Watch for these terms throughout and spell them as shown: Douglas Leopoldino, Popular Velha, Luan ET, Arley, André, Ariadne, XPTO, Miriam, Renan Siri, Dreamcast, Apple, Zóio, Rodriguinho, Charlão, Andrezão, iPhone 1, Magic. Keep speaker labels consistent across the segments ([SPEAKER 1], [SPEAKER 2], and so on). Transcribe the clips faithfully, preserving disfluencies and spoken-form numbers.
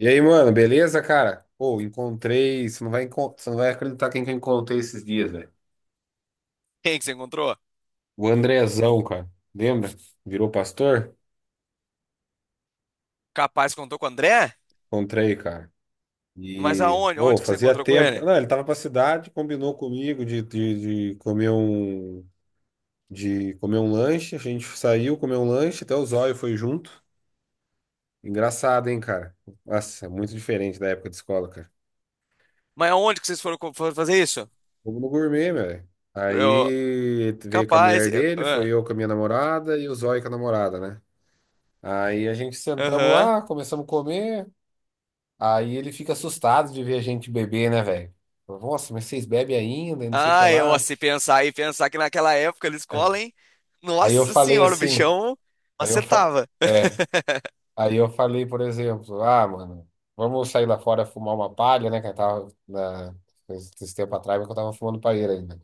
[SPEAKER 1] E aí, mano, beleza, cara? Pô, encontrei. Você não vai, encon- você não vai acreditar quem que eu encontrei esses dias, velho.
[SPEAKER 2] Quem que você encontrou?
[SPEAKER 1] O Andrezão, cara. Lembra? Virou pastor?
[SPEAKER 2] Capaz que contou com o André?
[SPEAKER 1] Encontrei, cara.
[SPEAKER 2] Mas
[SPEAKER 1] E,
[SPEAKER 2] aonde?
[SPEAKER 1] pô,
[SPEAKER 2] Onde que você
[SPEAKER 1] fazia
[SPEAKER 2] encontrou com
[SPEAKER 1] tempo.
[SPEAKER 2] ele?
[SPEAKER 1] Não, ele tava pra cidade, combinou comigo de, de, de comer um. De comer um lanche. A gente saiu, comeu um lanche, até o Zóio foi junto. Engraçado, hein, cara? Nossa, é muito diferente da época de escola, cara.
[SPEAKER 2] Mas aonde que vocês foram, co- foram fazer isso?
[SPEAKER 1] Fomos no gourmet, velho.
[SPEAKER 2] Eu,
[SPEAKER 1] Aí veio com a
[SPEAKER 2] capaz,
[SPEAKER 1] mulher
[SPEAKER 2] eu,
[SPEAKER 1] dele, foi
[SPEAKER 2] ah,
[SPEAKER 1] eu com a minha namorada e o Zóio com a namorada, né? Aí a gente sentamos
[SPEAKER 2] aham.
[SPEAKER 1] lá, começamos a comer. Aí ele fica assustado de ver a gente beber, né, velho? Falou, nossa, mas vocês bebem ainda, e não sei o que
[SPEAKER 2] Ah, eu,
[SPEAKER 1] lá.
[SPEAKER 2] se pensar e pensar que naquela época na
[SPEAKER 1] É.
[SPEAKER 2] escola, hein?
[SPEAKER 1] Aí eu
[SPEAKER 2] Nossa
[SPEAKER 1] falei
[SPEAKER 2] senhora, o
[SPEAKER 1] assim,
[SPEAKER 2] bichão
[SPEAKER 1] aí eu fa...
[SPEAKER 2] acertava.
[SPEAKER 1] é, aí eu falei, por exemplo, ah, mano, vamos sair lá fora fumar uma palha, né? Que eu tava na... esse tempo atrás, mas que eu tava fumando palheira ainda.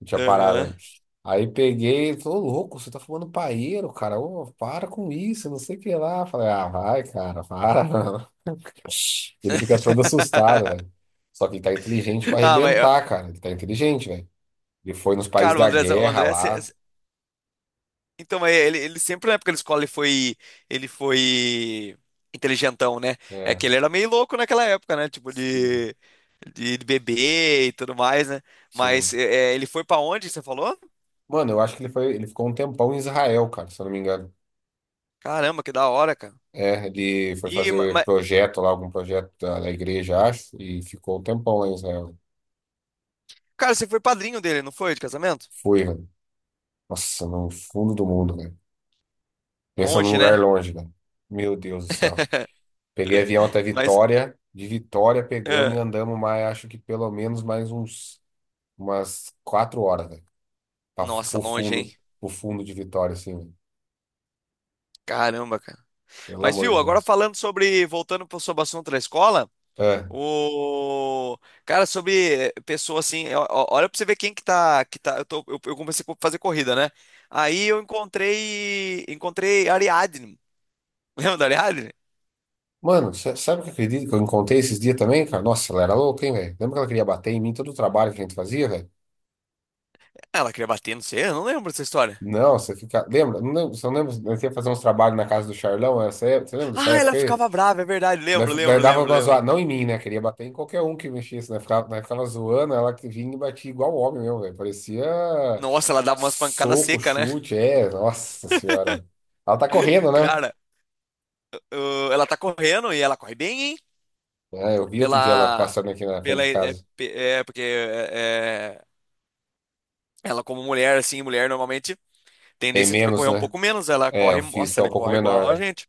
[SPEAKER 1] Não tinha parado,
[SPEAKER 2] Aham.
[SPEAKER 1] né? Aí peguei, ele falou, "Ô, louco, você tá fumando paeiro, cara. Ô, para com isso, não sei o que lá." Falei, ah, vai, cara, para. Não. Ele fica todo assustado, velho. Só que ele tá inteligente pra
[SPEAKER 2] Ah, mas, ó,
[SPEAKER 1] arrebentar, cara. Ele tá inteligente, velho. Ele foi nos países
[SPEAKER 2] cara, o
[SPEAKER 1] da
[SPEAKER 2] André, o
[SPEAKER 1] guerra
[SPEAKER 2] André,
[SPEAKER 1] lá.
[SPEAKER 2] Então, é, ele, ele sempre na época da escola ele foi, ele foi inteligentão, né? É
[SPEAKER 1] É,
[SPEAKER 2] que ele era meio louco naquela época, né? Tipo
[SPEAKER 1] sim,
[SPEAKER 2] de, de, de beber e tudo mais, né? Mas
[SPEAKER 1] sim.
[SPEAKER 2] é, é, ele foi pra onde, você falou?
[SPEAKER 1] Mano, eu acho que ele foi, ele ficou um tempão em Israel, cara, se eu não me engano.
[SPEAKER 2] Caramba, que da hora, cara.
[SPEAKER 1] É, ele foi
[SPEAKER 2] E, ma-
[SPEAKER 1] fazer
[SPEAKER 2] mas,
[SPEAKER 1] projeto lá, algum projeto da, da igreja, acho, e ficou um tempão lá em Israel.
[SPEAKER 2] cara, você foi padrinho dele, não foi, de casamento?
[SPEAKER 1] Fui, velho. Nossa, no fundo do mundo, velho. Pensa num
[SPEAKER 2] Longe,
[SPEAKER 1] lugar
[SPEAKER 2] né?
[SPEAKER 1] longe, cara. Meu Deus do céu. Peguei avião até
[SPEAKER 2] Mas,
[SPEAKER 1] Vitória. De Vitória pegamos
[SPEAKER 2] é,
[SPEAKER 1] e andamos mais, acho que pelo menos mais uns umas quatro horas, velho. Pra fu-
[SPEAKER 2] nossa,
[SPEAKER 1] Pro
[SPEAKER 2] longe, hein?
[SPEAKER 1] fundo, pro fundo de Vitória, assim, velho.
[SPEAKER 2] Caramba, cara.
[SPEAKER 1] Pelo
[SPEAKER 2] Mas
[SPEAKER 1] amor de
[SPEAKER 2] viu, agora
[SPEAKER 1] Deus.
[SPEAKER 2] falando sobre, voltando para o assunto da escola,
[SPEAKER 1] É.
[SPEAKER 2] o cara sobre eh, pessoa assim, ó- ó, olha pra você ver quem que tá, que tá, eu tô, eu, eu comecei a fazer corrida, né? Aí eu encontrei, encontrei Ariadne. Lembra da Ariadne?
[SPEAKER 1] Mano, sa- sabe o que eu acredito que eu encontrei esses dias também, cara? Nossa, ela era louca, hein, velho? Lembra que ela queria bater em mim todo o trabalho que a gente fazia, velho?
[SPEAKER 2] Ela queria bater, não sei, eu não lembro dessa história.
[SPEAKER 1] Não, você fica. Lembra? Não lembro, você não lembra? Nós ia fazer uns trabalhos na casa do Charlão, essa época, você lembra dessa
[SPEAKER 2] Ah, ela
[SPEAKER 1] época aí?
[SPEAKER 2] ficava brava, é verdade,
[SPEAKER 1] Nós-
[SPEAKER 2] lembro,
[SPEAKER 1] nós
[SPEAKER 2] lembro,
[SPEAKER 1] dava
[SPEAKER 2] lembro,
[SPEAKER 1] uma zoada,
[SPEAKER 2] lembro.
[SPEAKER 1] não em mim, né? Queria bater em qualquer um que mexesse, né? Ficava, nós ficava zoando, ela que vinha e batia igual homem mesmo, velho. Parecia
[SPEAKER 2] Nossa, ela dava umas pancadas
[SPEAKER 1] soco,
[SPEAKER 2] secas, né?
[SPEAKER 1] chute, é, nossa senhora. Ela tá correndo, né?
[SPEAKER 2] Cara, o- ela tá correndo e ela corre bem, hein?
[SPEAKER 1] É, eu vi outro dia ela
[SPEAKER 2] Pela,
[SPEAKER 1] passando aqui na frente
[SPEAKER 2] pela,
[SPEAKER 1] de
[SPEAKER 2] é,
[SPEAKER 1] casa.
[SPEAKER 2] pe- é, porque é, é, ela como mulher, assim, mulher normalmente
[SPEAKER 1] Tem
[SPEAKER 2] tendência tipo, é
[SPEAKER 1] menos,
[SPEAKER 2] correr um
[SPEAKER 1] né?
[SPEAKER 2] pouco menos. Ela
[SPEAKER 1] É, o
[SPEAKER 2] corre, nossa,
[SPEAKER 1] físico é um
[SPEAKER 2] ela
[SPEAKER 1] pouco
[SPEAKER 2] corre igual a
[SPEAKER 1] menor, né?
[SPEAKER 2] gente.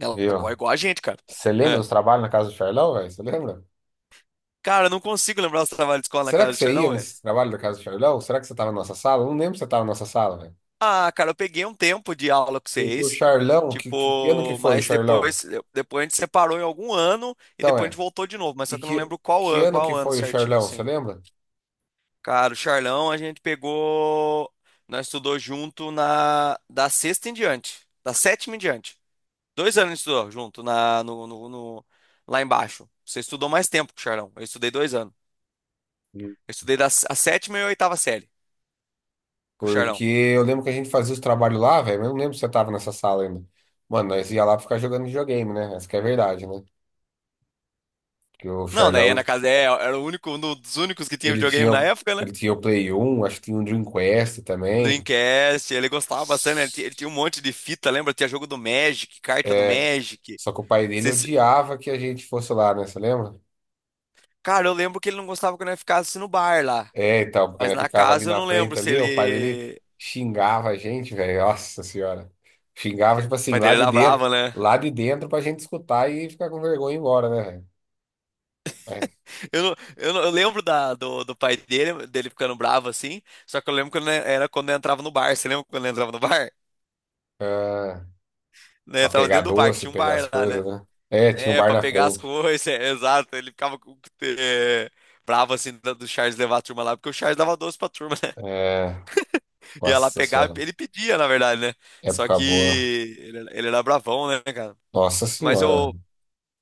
[SPEAKER 2] Ela corre
[SPEAKER 1] Viu?
[SPEAKER 2] igual a gente, cara.
[SPEAKER 1] Você lembra
[SPEAKER 2] É.
[SPEAKER 1] dos trabalhos na casa do Charlão, velho? Você lembra?
[SPEAKER 2] Cara, eu não consigo lembrar os trabalhos de escola na
[SPEAKER 1] Será
[SPEAKER 2] casa
[SPEAKER 1] que
[SPEAKER 2] do
[SPEAKER 1] você ia
[SPEAKER 2] Charlão, velho.
[SPEAKER 1] nesse trabalho da casa do Charlão? Será que você tava na nossa sala? Eu não lembro se você tava na nossa sala, velho.
[SPEAKER 2] Ah, cara, eu peguei um tempo de aula com
[SPEAKER 1] Porque o
[SPEAKER 2] vocês.
[SPEAKER 1] Charlão, que, que, que ano que
[SPEAKER 2] Tipo,
[SPEAKER 1] foi o
[SPEAKER 2] mas
[SPEAKER 1] Charlão?
[SPEAKER 2] depois, depois a gente separou em algum ano e
[SPEAKER 1] Então
[SPEAKER 2] depois a gente
[SPEAKER 1] é.
[SPEAKER 2] voltou de novo, mas
[SPEAKER 1] E
[SPEAKER 2] só que eu não
[SPEAKER 1] que,
[SPEAKER 2] lembro qual
[SPEAKER 1] que
[SPEAKER 2] ano,
[SPEAKER 1] ano
[SPEAKER 2] qual
[SPEAKER 1] que
[SPEAKER 2] ano
[SPEAKER 1] foi o
[SPEAKER 2] certinho,
[SPEAKER 1] Charlão, você
[SPEAKER 2] assim.
[SPEAKER 1] lembra?
[SPEAKER 2] Cara, o Charlão a gente pegou. Nós estudou junto na da sexta em diante. Da sétima em diante. Dois anos a gente estudou junto na, no, no- no- lá embaixo. Você estudou mais tempo com o Charlão. Eu estudei dois anos.
[SPEAKER 1] Sim.
[SPEAKER 2] Eu estudei da s- a sétima e a oitava série com o
[SPEAKER 1] Porque
[SPEAKER 2] Charlão.
[SPEAKER 1] eu lembro que a gente fazia os trabalhos lá, velho, mas eu não lembro se você tava nessa sala ainda. Mano, nós ia lá pra ficar jogando videogame, né? Essa que é a verdade, né? Que o
[SPEAKER 2] Não, né? Ia
[SPEAKER 1] Charlão,
[SPEAKER 2] na casa. É, era o único, um dos únicos que tinha
[SPEAKER 1] ele
[SPEAKER 2] videogame
[SPEAKER 1] tinha,
[SPEAKER 2] na
[SPEAKER 1] o-
[SPEAKER 2] época, né?
[SPEAKER 1] ele tinha o Play um, acho que tinha o Dream Quest também.
[SPEAKER 2] Dreamcast, ele gostava bastante, né? Ele, ti- ele tinha um monte de fita, lembra? Tinha jogo do Magic, carta do
[SPEAKER 1] É,
[SPEAKER 2] Magic.
[SPEAKER 1] só que o pai dele
[SPEAKER 2] Você se-
[SPEAKER 1] odiava que a gente fosse lá, né? Você lembra?
[SPEAKER 2] Cara, eu lembro que ele não gostava quando eu ficava assim no bar lá.
[SPEAKER 1] É, então, porque
[SPEAKER 2] Mas
[SPEAKER 1] ele
[SPEAKER 2] na
[SPEAKER 1] ficava ali
[SPEAKER 2] casa eu
[SPEAKER 1] na
[SPEAKER 2] não lembro
[SPEAKER 1] frente
[SPEAKER 2] se
[SPEAKER 1] ali, o pai dele
[SPEAKER 2] ele.
[SPEAKER 1] xingava a gente, velho. Nossa senhora. Xingava, tipo
[SPEAKER 2] O
[SPEAKER 1] assim,
[SPEAKER 2] pai
[SPEAKER 1] lá
[SPEAKER 2] dele
[SPEAKER 1] de
[SPEAKER 2] era
[SPEAKER 1] dentro,
[SPEAKER 2] brava, né?
[SPEAKER 1] lá de dentro pra gente escutar e ficar com vergonha e ir embora, né, velho? É,
[SPEAKER 2] Eu, não- eu, não- eu lembro da, do, do pai dele, dele ficando bravo assim, só que eu lembro quando é, era quando eu entrava no bar. Você lembra quando eu entrava no bar?
[SPEAKER 1] ah,
[SPEAKER 2] Né, eu
[SPEAKER 1] pra
[SPEAKER 2] entrava
[SPEAKER 1] pegar
[SPEAKER 2] dentro do bar, que
[SPEAKER 1] doce,
[SPEAKER 2] tinha um
[SPEAKER 1] pegar as
[SPEAKER 2] bar lá, né?
[SPEAKER 1] coisas, né? É, tinha um
[SPEAKER 2] É,
[SPEAKER 1] bar
[SPEAKER 2] pra
[SPEAKER 1] na
[SPEAKER 2] pegar as
[SPEAKER 1] frente.
[SPEAKER 2] coisas, é, exato. Ele ficava com- é, bravo assim do do Charles levar a turma lá, porque o Charles dava doce pra turma, né?
[SPEAKER 1] É,
[SPEAKER 2] Ia lá
[SPEAKER 1] nossa
[SPEAKER 2] pegar,
[SPEAKER 1] senhora.
[SPEAKER 2] ele pedia, na verdade, né? Só
[SPEAKER 1] Época
[SPEAKER 2] que
[SPEAKER 1] boa.
[SPEAKER 2] ele, ele era bravão, né, cara?
[SPEAKER 1] Nossa
[SPEAKER 2] Mas
[SPEAKER 1] senhora,
[SPEAKER 2] eu,
[SPEAKER 1] velho.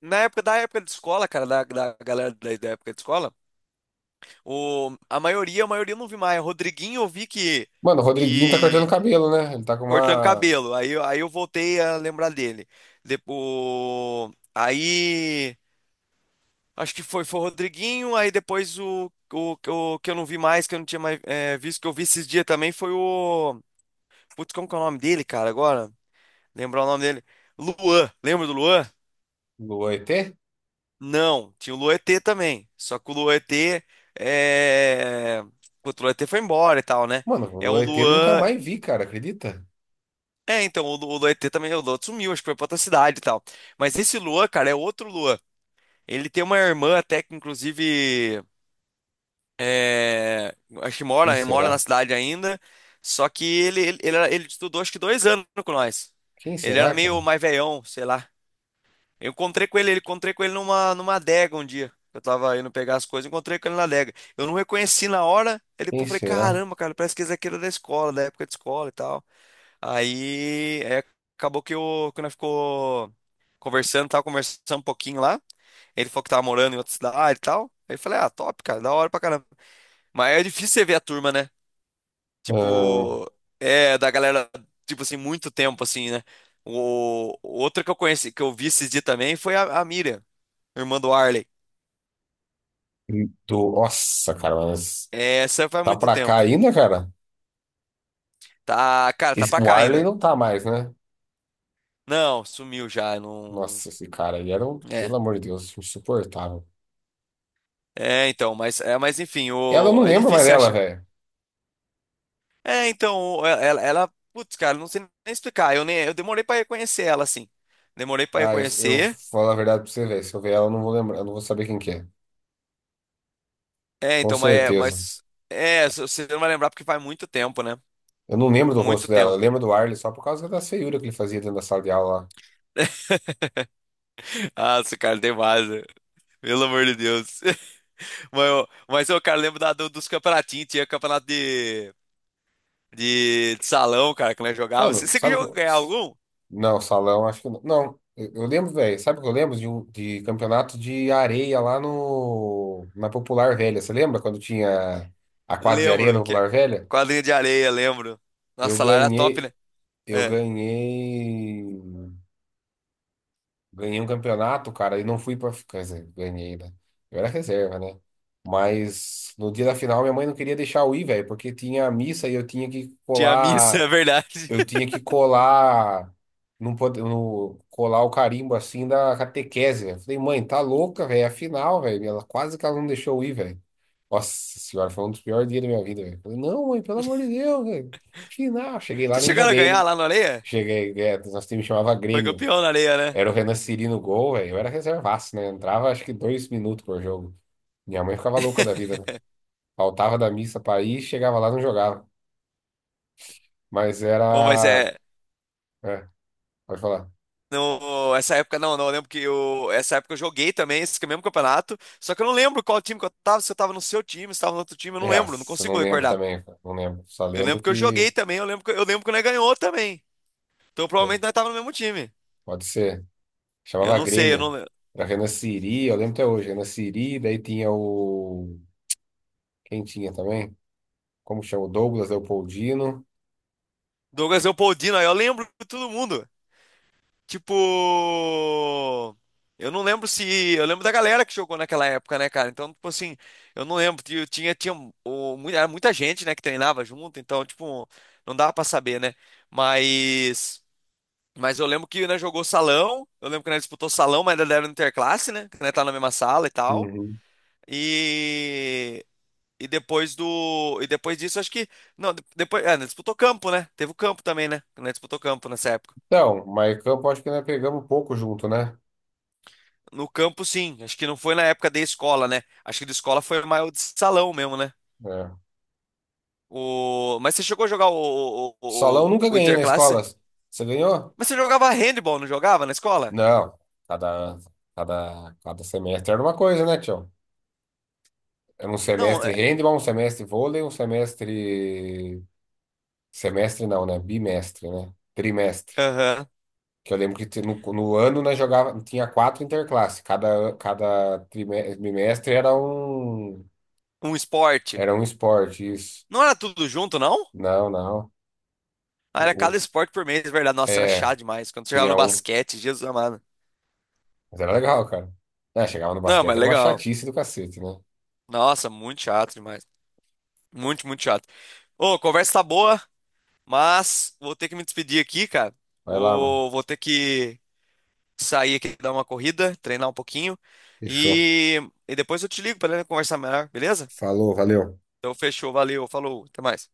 [SPEAKER 2] na época da época de escola, cara, da, da galera da da época de escola. O, a maioria, a maioria eu não vi mais. O Rodriguinho eu vi que,
[SPEAKER 1] Mano, o Rodriguinho tá
[SPEAKER 2] que
[SPEAKER 1] cortando cabelo, né? Ele tá com
[SPEAKER 2] cortando
[SPEAKER 1] uma
[SPEAKER 2] cabelo. Aí, eu- aí eu voltei a lembrar dele. Depois, aí acho que foi, foi o Rodriguinho, aí depois o, o, o que eu não vi mais, que eu não tinha mais é, visto, que eu vi esses dias também foi o. Putz, como que é o nome dele, cara, agora? Lembrar o nome dele. Luan, lembra do Luan?
[SPEAKER 1] lua E T?
[SPEAKER 2] Não, tinha o Luan E T também. Só que o Luan E T é. Putz, o Luan E T foi embora e tal, né?
[SPEAKER 1] Mano,
[SPEAKER 2] É o
[SPEAKER 1] lua E T nunca
[SPEAKER 2] Luan.
[SPEAKER 1] mais vi, cara, acredita?
[SPEAKER 2] É, então, o, Lu- o Luan E T também, o Luan sumiu, acho que foi pra outra cidade e tal. Mas esse Luan, cara, é outro Luan. Ele tem uma irmã até que, inclusive, é, acho que
[SPEAKER 1] Quem
[SPEAKER 2] mora, mora na
[SPEAKER 1] será?
[SPEAKER 2] cidade ainda. Só que ele, ele, ele, era- ele estudou acho que dois anos com nós.
[SPEAKER 1] Quem
[SPEAKER 2] Ele era
[SPEAKER 1] será, cara?
[SPEAKER 2] meio mais velhão, sei lá. Eu encontrei com ele, ele encontrei com ele numa, numa adega um dia. Eu tava indo pegar as coisas, encontrei com ele na adega. Eu não reconheci na hora, aí depois
[SPEAKER 1] Quem
[SPEAKER 2] eu falei,
[SPEAKER 1] será?
[SPEAKER 2] caramba, cara, parece que esse aqui era da escola, da época de escola e tal. Aí é, acabou que o que nós ficou conversando, tava conversando um pouquinho lá. Ele falou que tava morando em outra cidade e tal. Aí eu falei, ah, top, cara, da hora pra caramba. Mas é difícil você ver a turma, né?
[SPEAKER 1] Ah,
[SPEAKER 2] Tipo, é da galera, tipo assim, muito tempo, assim, né? O outra que eu conheci, que eu vi esse dia também, foi a, a Miriam, irmã do Arley.
[SPEAKER 1] do... Nossa, cara, mas
[SPEAKER 2] Essa faz
[SPEAKER 1] tá
[SPEAKER 2] muito
[SPEAKER 1] pra cá
[SPEAKER 2] tempo.
[SPEAKER 1] ainda, cara?
[SPEAKER 2] Tá, cara, tá
[SPEAKER 1] Esse-
[SPEAKER 2] pra
[SPEAKER 1] O
[SPEAKER 2] cá
[SPEAKER 1] Arley
[SPEAKER 2] ainda.
[SPEAKER 1] não tá mais, né?
[SPEAKER 2] Não, sumiu já, não.
[SPEAKER 1] Nossa, esse cara, ele era um,
[SPEAKER 2] É.
[SPEAKER 1] pelo amor de Deus, insuportável.
[SPEAKER 2] É, então, mas é, mas enfim,
[SPEAKER 1] Ela eu não
[SPEAKER 2] o é
[SPEAKER 1] lembro mais
[SPEAKER 2] difícil
[SPEAKER 1] dela,
[SPEAKER 2] achar.
[SPEAKER 1] velho.
[SPEAKER 2] É, então, ela, ela, putz, cara, não sei nem explicar. Eu nem, eu demorei pra reconhecer ela, assim. Demorei pra
[SPEAKER 1] Ah, eu, eu
[SPEAKER 2] reconhecer.
[SPEAKER 1] falo a verdade pra você, velho. Se eu ver ela, eu não vou lembrar, eu não vou saber quem que é.
[SPEAKER 2] É,
[SPEAKER 1] Com
[SPEAKER 2] então, mas,
[SPEAKER 1] certeza.
[SPEAKER 2] mas é, se- você não vai lembrar porque faz muito tempo, né?
[SPEAKER 1] Eu não lembro do rosto
[SPEAKER 2] Muito
[SPEAKER 1] dela, eu
[SPEAKER 2] tempo.
[SPEAKER 1] lembro do Arley só por causa da feiura que ele fazia dentro da sala de aula lá.
[SPEAKER 2] Ah, esse cara tem base. Pelo amor de Deus. Mas, eu- mas eu, cara, lembro da- do- dos campeonatinhos. Tinha campeonato de, de, de salão, cara, que nós jogava. Você,
[SPEAKER 1] Mano,
[SPEAKER 2] você que
[SPEAKER 1] sabe o que
[SPEAKER 2] jogou
[SPEAKER 1] eu-
[SPEAKER 2] ganhar algum?
[SPEAKER 1] Não, salão, acho que não. Não, eu, eu lembro, velho. Sabe o que eu lembro? De, um- de campeonato de areia lá no, na Popular Velha. Você lembra quando tinha a quadra de areia na
[SPEAKER 2] Lembro. Que, é
[SPEAKER 1] Popular Velha?
[SPEAKER 2] quadrinha de areia, lembro.
[SPEAKER 1] Eu
[SPEAKER 2] Nossa, lá era top,
[SPEAKER 1] ganhei,
[SPEAKER 2] né?
[SPEAKER 1] eu
[SPEAKER 2] É.
[SPEAKER 1] ganhei, ganhei um campeonato, cara, e não fui pra. Quer dizer, ganhei, né? Eu era reserva, né? Mas no dia da final, minha mãe não queria deixar eu ir, velho, porque tinha missa e eu tinha que
[SPEAKER 2] Tinha missa,
[SPEAKER 1] colar.
[SPEAKER 2] é verdade.
[SPEAKER 1] eu tinha que colar, não pode, no, colar o carimbo assim da catequese, velho. Falei, mãe, tá louca, velho? Afinal, velho, ela quase que ela não deixou eu ir, velho. Nossa senhora, foi um dos piores dias da minha vida, velho. Falei, não, mãe, pelo amor de Deus, velho. Final, cheguei lá,
[SPEAKER 2] Vocês
[SPEAKER 1] nem
[SPEAKER 2] chegaram a
[SPEAKER 1] joguei, né?
[SPEAKER 2] ganhar lá na areia?
[SPEAKER 1] Cheguei, é, nosso time chamava
[SPEAKER 2] Foi
[SPEAKER 1] Grêmio.
[SPEAKER 2] campeão na areia, né?
[SPEAKER 1] Era o Renan Siri no gol, velho. Eu era reservaço, né? Entrava acho que dois minutos por jogo. Minha mãe ficava louca da vida, né? Faltava da missa pra ir, chegava lá, não jogava. Mas
[SPEAKER 2] Ô, mas
[SPEAKER 1] era.
[SPEAKER 2] é.
[SPEAKER 1] É, pode falar.
[SPEAKER 2] No, essa época não, não. Eu lembro que eu, essa época eu joguei também esse mesmo campeonato. Só que eu não lembro qual time que eu tava, se eu tava no seu time, se tava no outro time, eu não lembro, não
[SPEAKER 1] Nossa, não
[SPEAKER 2] consigo
[SPEAKER 1] lembro
[SPEAKER 2] recordar.
[SPEAKER 1] também, cara, não lembro. Só
[SPEAKER 2] Eu
[SPEAKER 1] lembro
[SPEAKER 2] lembro que eu
[SPEAKER 1] que
[SPEAKER 2] joguei também, eu lembro que, eu lembro que nós ganhou também. Então
[SPEAKER 1] eu-
[SPEAKER 2] provavelmente nós tava no mesmo time.
[SPEAKER 1] pode ser.
[SPEAKER 2] Eu
[SPEAKER 1] Chamava
[SPEAKER 2] não sei, eu não
[SPEAKER 1] Grêmio.
[SPEAKER 2] lembro.
[SPEAKER 1] Era Renan Siri, eu lembro até hoje. Renan Siri, daí tinha o. Quem tinha também? Como chama? O Douglas Leopoldino.
[SPEAKER 2] Douglas Leopoldino, aí eu lembro de todo mundo. Tipo, eu não lembro se. Eu lembro da galera que jogou naquela época, né, cara? Então, tipo assim, eu não lembro. Eu tinha, tinha o, mu- era muita gente, né, que treinava junto, então, tipo, não dava pra saber, né? Mas. Mas eu lembro que, né, jogou salão. Eu lembro que nós disputou salão, mas ainda era interclasse, né? Que nós tá na mesma sala e tal.
[SPEAKER 1] Uhum.
[SPEAKER 2] E. E depois do. E depois disso, acho que. Não, de- depois. É, nós disputou campo, né? Teve o campo também, né? Nós disputou campo nessa época.
[SPEAKER 1] Então, mas campo acho que nós pegamos pouco junto, né?
[SPEAKER 2] No campo, sim. Acho que não foi na época da escola, né? Acho que da escola foi mais o de salão mesmo, né?
[SPEAKER 1] É.
[SPEAKER 2] O... Mas você chegou a jogar o, o,
[SPEAKER 1] Salão
[SPEAKER 2] o,
[SPEAKER 1] nunca
[SPEAKER 2] o
[SPEAKER 1] ganhei na escola.
[SPEAKER 2] Interclasse?
[SPEAKER 1] Você ganhou?
[SPEAKER 2] Mas você jogava handball, não jogava na escola?
[SPEAKER 1] Não. Cada, cada, cada semestre era uma coisa, né, tio? Era um
[SPEAKER 2] Não,
[SPEAKER 1] semestre
[SPEAKER 2] é...
[SPEAKER 1] handball, um semestre vôlei, um semestre. Semestre não, né? Bimestre, né? Trimestre.
[SPEAKER 2] aham.
[SPEAKER 1] Que eu lembro que ti- no, no ano nós jogava, tinha quatro interclasses. Cada, an- cada trime- bimestre era um,
[SPEAKER 2] Um esporte.
[SPEAKER 1] era um esporte, isso.
[SPEAKER 2] Não era tudo junto, não?
[SPEAKER 1] Não, não.
[SPEAKER 2] Ah, era cada
[SPEAKER 1] Um-
[SPEAKER 2] esporte por mês, é verdade. Nossa, era
[SPEAKER 1] É,
[SPEAKER 2] chato demais. Quando você jogava
[SPEAKER 1] tinha
[SPEAKER 2] no
[SPEAKER 1] um.
[SPEAKER 2] basquete, Jesus amado.
[SPEAKER 1] Mas era legal, cara. É, chegava no
[SPEAKER 2] Não,
[SPEAKER 1] basquete,
[SPEAKER 2] mas
[SPEAKER 1] era uma
[SPEAKER 2] legal.
[SPEAKER 1] chatice do cacete, né?
[SPEAKER 2] Nossa, muito chato demais. Muito, muito chato. Ô, a conversa tá boa, mas vou ter que me despedir aqui, cara.
[SPEAKER 1] Vai lá, mano.
[SPEAKER 2] Ô, vou ter que sair aqui, dar uma corrida, treinar um pouquinho.
[SPEAKER 1] Fechou.
[SPEAKER 2] E, e depois eu te ligo para conversar melhor, beleza?
[SPEAKER 1] Falou, valeu.
[SPEAKER 2] Então fechou, valeu, falou, até mais.